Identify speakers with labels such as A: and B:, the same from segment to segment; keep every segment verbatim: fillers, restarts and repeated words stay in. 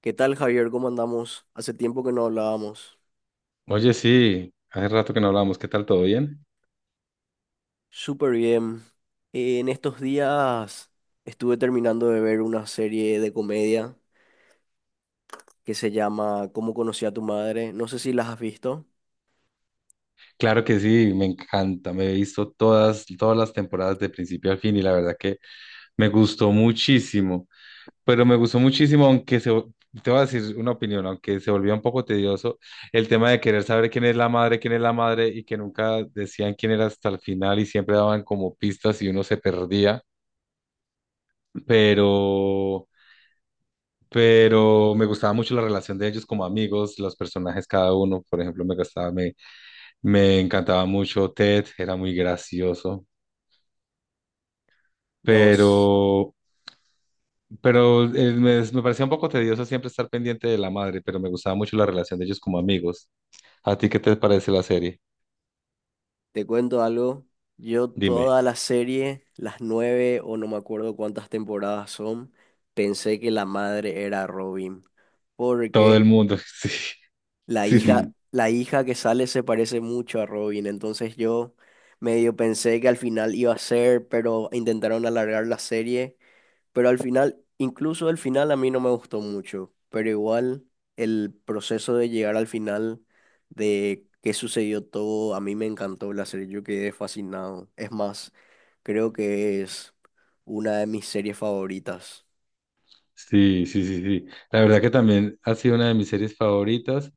A: ¿Qué tal, Javier? ¿Cómo andamos? Hace tiempo que no hablábamos.
B: Oye, sí, hace rato que no hablamos, ¿qué tal? ¿Todo bien?
A: Súper bien. Eh, en estos días estuve terminando de ver una serie de comedia que se llama ¿Cómo conocí a tu madre? No sé si las has visto.
B: Claro que sí, me encanta, me he visto todas, todas las temporadas de principio al fin y la verdad que me gustó muchísimo, pero me gustó muchísimo, aunque se, vo- te voy a decir una opinión, aunque se volvió un poco tedioso el tema de querer saber quién es la madre, quién es la madre y que nunca decían quién era hasta el final y siempre daban como pistas y uno se perdía, pero... Pero me gustaba mucho la relación de ellos como amigos, los personajes cada uno, por ejemplo, me gustaba, me encantaba mucho Ted, era muy gracioso,
A: Nos,
B: pero, pero eh, me, me parecía un poco tedioso siempre estar pendiente de la madre, pero me gustaba mucho la relación de ellos como amigos. ¿A ti qué te parece la serie?
A: Te cuento algo. Yo
B: Dime.
A: toda la serie, las nueve o no me acuerdo cuántas temporadas son, pensé que la madre era Robin.
B: Todo
A: Porque
B: el mundo, sí,
A: La
B: sí,
A: hija,
B: sí,
A: la hija que sale se parece mucho a Robin, entonces yo medio pensé que al final iba a ser, pero intentaron alargar la serie. Pero al final, incluso el final a mí no me gustó mucho, pero igual el proceso de llegar al final, de qué sucedió todo, a mí me encantó la serie, yo quedé fascinado. Es más, creo que es una de mis series favoritas.
B: sí, sí, sí, sí. La verdad que también ha sido una de mis series favoritas,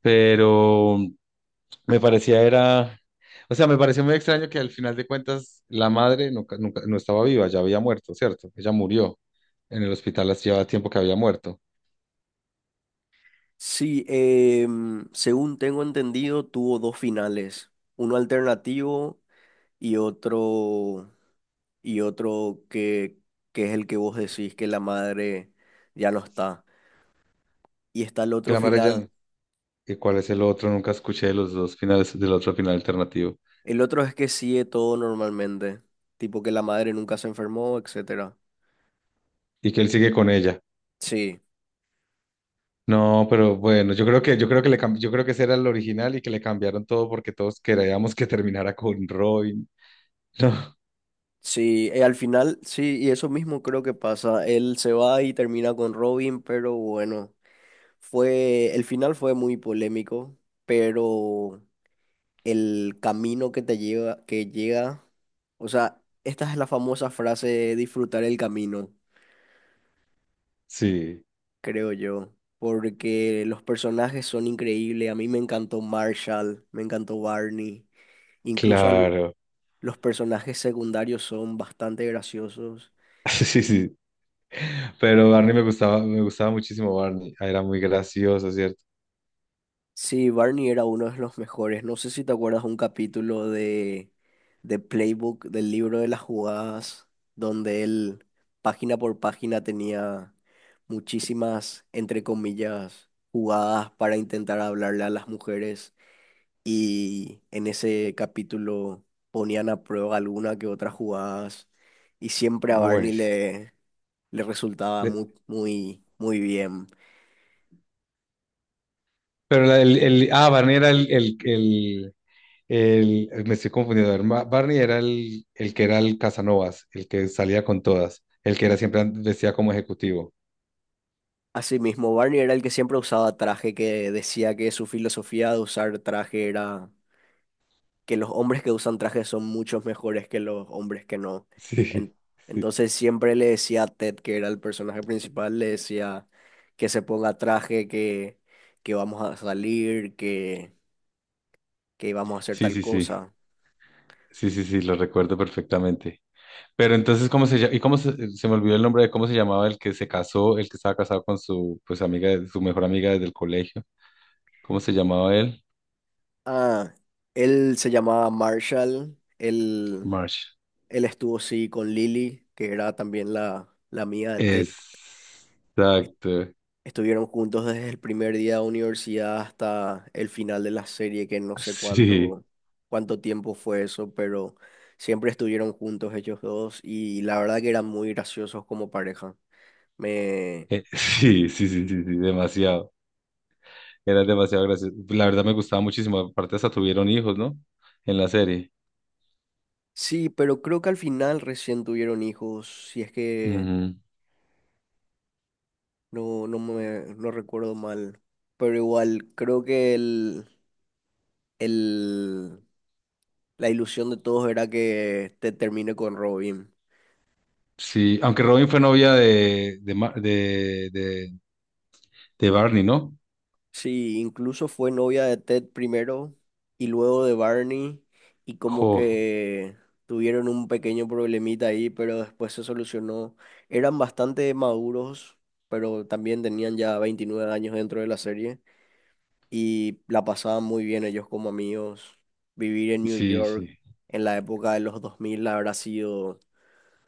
B: pero Me parecía era, o sea, me pareció muy extraño que al final de cuentas la madre nunca, nunca, no estaba viva, ya había muerto, ¿cierto? Ella murió en el hospital, hace ya tiempo que había muerto.
A: Sí, em, según tengo entendido, tuvo dos finales, uno alternativo y otro y otro que, que es el que vos decís, que la madre ya no está. Y está el
B: Que
A: otro
B: la madre
A: final:
B: ya, ¿y cuál es el otro? Nunca escuché de los dos finales, del otro final alternativo.
A: el otro es que sigue todo normalmente, tipo que la madre nunca se enfermó, etcétera.
B: Y que él sigue con ella.
A: Sí,
B: No, pero bueno, yo creo que, yo creo que le, cam- yo creo que ese era el original y que le cambiaron todo porque todos queríamos que terminara con Robin. No,
A: sí, eh, al final, sí, y eso mismo creo que pasa. Él se va y termina con Robin, pero bueno, fue, el final fue muy polémico, pero el camino que te lleva, que llega. O sea, esta es la famosa frase de disfrutar el camino,
B: sí,
A: creo yo, porque los personajes son increíbles. A mí me encantó Marshall, me encantó Barney, incluso al-
B: claro.
A: los personajes secundarios son bastante graciosos.
B: Sí, sí. Pero Barney me gustaba, me gustaba muchísimo Barney. Ah, era muy gracioso, ¿cierto?
A: Sí, Barney era uno de los mejores. No sé si te acuerdas un capítulo de, de Playbook, del libro de las jugadas, donde él, página por página, tenía muchísimas, entre comillas, jugadas para intentar hablarle a las mujeres. Y en ese capítulo ponían a prueba alguna que otras jugadas. Y siempre a
B: Bueno,
A: Barney le, le resultaba
B: Le-
A: muy, muy, muy bien.
B: Pero la- el, el- ah, Barney era el, el, el, el- me estoy confundiendo. A ver, Ma- Barney era el, el que era el Casanovas, el que salía con todas, el que era siempre vestía como ejecutivo.
A: Asimismo, Barney era el que siempre usaba traje, que decía que su filosofía de usar traje era que los hombres que usan traje son muchos mejores que los hombres que no.
B: Sí,
A: En-
B: sí.
A: entonces siempre le decía a Ted, que era el personaje principal, le decía que se ponga traje, que, que vamos a salir, que, que íbamos a hacer
B: Sí,
A: tal
B: sí, sí.
A: cosa.
B: Sí, sí, sí, lo recuerdo perfectamente. Pero entonces, ¿cómo se llama? Y cómo se, se me olvidó el nombre de cómo se llamaba el que se casó, el que estaba casado con su pues amiga, su mejor amiga desde el colegio. ¿Cómo se llamaba él?
A: Ah, él se llamaba Marshall. él,
B: March.
A: él estuvo sí con Lily, que era también la, la amiga de Ted.
B: Exacto.
A: Estuvieron juntos desde el primer día de universidad hasta el final de la serie, que no sé
B: Sí,
A: cuánto, cuánto tiempo fue eso, pero siempre estuvieron juntos ellos dos y la verdad que eran muy graciosos como pareja. Me...
B: eh, sí, sí, sí, sí, sí, demasiado. Era demasiado gracioso. La verdad me gustaba muchísimo. Aparte hasta tuvieron hijos, ¿no? En la serie.
A: Sí, pero creo que al final recién tuvieron hijos, si es que
B: Ujú.
A: no, no me, no recuerdo mal. Pero igual, creo que el, el, la ilusión de todos era que te termine con Robin.
B: Sí, aunque Robin fue novia de, de, Ma- de, de, de Barney, ¿no?
A: Sí, incluso fue novia de Ted primero y luego de Barney, y como
B: Jo,
A: que tuvieron un pequeño problemita ahí, pero después se solucionó. Eran bastante maduros, pero también tenían ya veintinueve años dentro de la serie y la pasaban muy bien ellos como amigos. Vivir en New
B: sí,
A: York
B: sí.
A: en la época de los dos mil habrá sido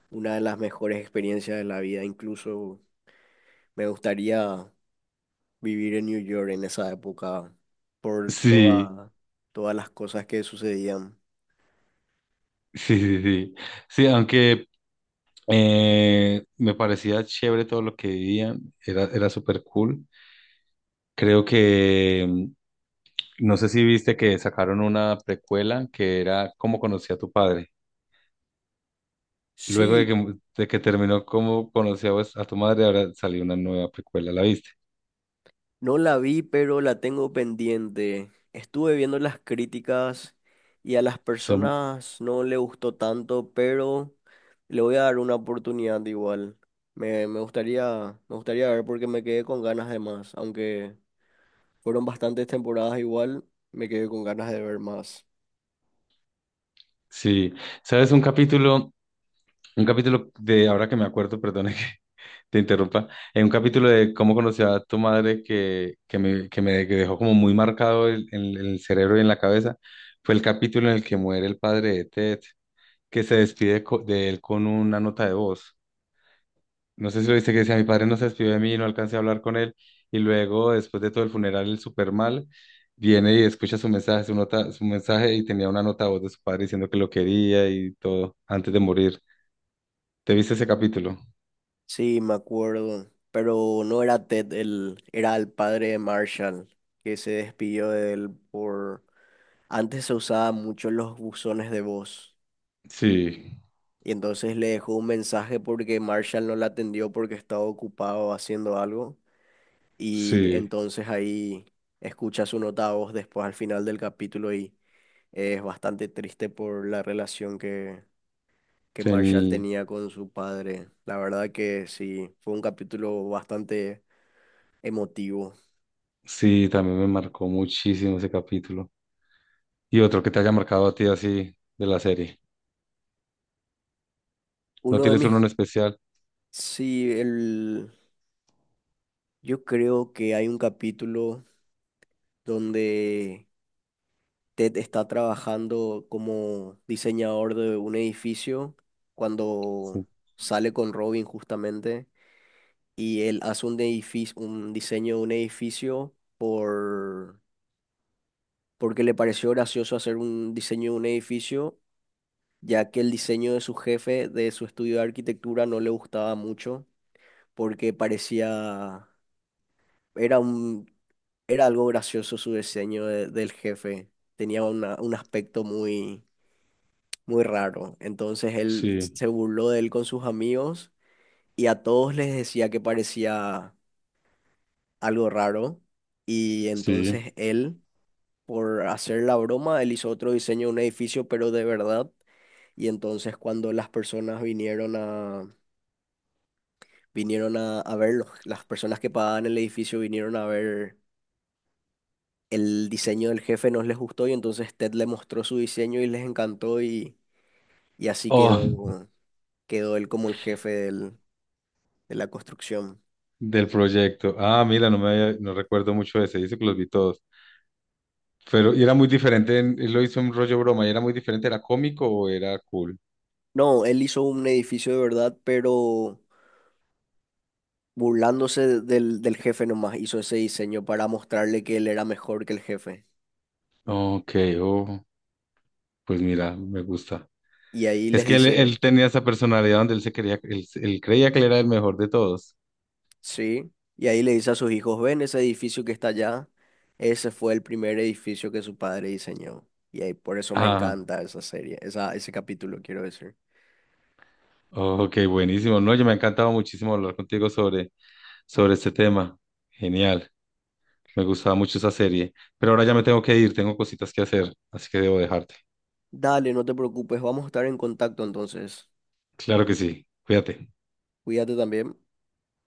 A: una de las mejores experiencias de la vida. Incluso me gustaría vivir en New York en esa época por
B: Sí,
A: toda- todas las cosas que sucedían.
B: sí, sí, sí. Sí, aunque eh, me parecía chévere todo lo que vivían, era, era súper cool. Creo que No sé si viste que sacaron una precuela que era ¿Cómo conocí a tu padre? Luego de
A: Sí,
B: que, de que terminó ¿Cómo conocí a, vos- a tu madre? Ahora salió una nueva precuela, ¿la viste?
A: no la vi, pero la tengo pendiente. Estuve viendo las críticas y a las
B: Y son,
A: personas no le gustó tanto, pero le voy a dar una oportunidad igual. Me, me gustaría, me gustaría, ver, porque me quedé con ganas de más, aunque fueron bastantes temporadas igual, me quedé con ganas de ver más.
B: sí, ¿sabes? Un capítulo, un capítulo de, ahora que me acuerdo, perdona que te interrumpa, en un capítulo de ¿Cómo conocí a tu madre?, que, que me, que me que dejó como muy marcado el- en el cerebro y en la cabeza, fue el capítulo en el que muere el padre de Ted, que se despide co- de él con una nota de voz. No sé si lo viste, que decía, mi padre no se despidió de mí, no alcancé a hablar con él. Y luego, después de todo el funeral, el super mal, viene y escucha su mensaje, su nota, su mensaje, y tenía una nota de voz de su padre diciendo que lo quería y todo, antes de morir. ¿Te viste ese capítulo?
A: Sí, me acuerdo, pero no era Ted, el, era el padre de Marshall, que se despidió de él por... Antes se usaba mucho los buzones de voz,
B: Sí,
A: y entonces le dejó un mensaje porque Marshall no la atendió porque estaba ocupado haciendo algo, y
B: sí,
A: entonces ahí escucha su nota de voz después, al final del capítulo, y es bastante triste por la relación que, que Marshall
B: tení,
A: tenía con su padre. La verdad que sí, fue un capítulo bastante emotivo.
B: sí, también me marcó muchísimo ese capítulo. Y otro que te haya marcado a ti así de la serie. ¿No
A: Uno de
B: tienes uno en
A: mis...
B: especial?
A: Sí, el... yo creo que hay un capítulo donde Ted está trabajando como diseñador de un edificio cuando
B: Sí,
A: sale con Robin justamente, y él hace un edificio, un diseño de un edificio por... porque le pareció gracioso hacer un diseño de un edificio, ya que el diseño de su jefe, de su estudio de arquitectura, no le gustaba mucho porque parecía Era un, era algo gracioso su diseño de- del jefe. Tenía una- un aspecto muy, muy raro. Entonces él
B: sí,
A: se burló de él con sus amigos y a todos les decía que parecía algo raro. Y
B: sí.
A: entonces él, por hacer la broma, él hizo otro diseño de un edificio, pero de verdad. Y entonces cuando las personas vinieron a, vinieron a, a ver, los- las personas que pagaban el edificio vinieron a ver, el diseño del jefe no les gustó, y entonces Ted le mostró su diseño y les encantó, y, y así
B: Oh,
A: quedó, quedó él como el jefe del- de la construcción.
B: del proyecto. Ah, mira, no me había- no recuerdo mucho ese. Dice que los vi todos. Pero, y era muy diferente, en- él lo hizo en rollo broma, y era muy diferente, ¿era cómico o era cool?
A: No, él hizo un edificio de verdad, pero burlándose del, del jefe nomás, hizo ese diseño para mostrarle que él era mejor que el jefe.
B: Ok, oh, pues mira, me gusta.
A: Y ahí
B: Es
A: les
B: que él,
A: dice,
B: él tenía esa personalidad donde él se creía, él, él creía que él era el mejor de todos.
A: sí, y ahí le dice a sus hijos: ven ese edificio que está allá, ese fue el primer edificio que su padre diseñó. Y ahí, por eso me
B: Ah,
A: encanta esa serie, esa, ese capítulo, quiero decir.
B: ok, buenísimo. No, yo me ha encantado muchísimo hablar contigo sobre, sobre este tema. Genial, me gustaba mucho esa serie. Pero ahora ya me tengo que ir, tengo cositas que hacer, así que debo dejarte.
A: Dale, no te preocupes, vamos a estar en contacto entonces.
B: Claro que sí, cuídate.
A: Cuídate también.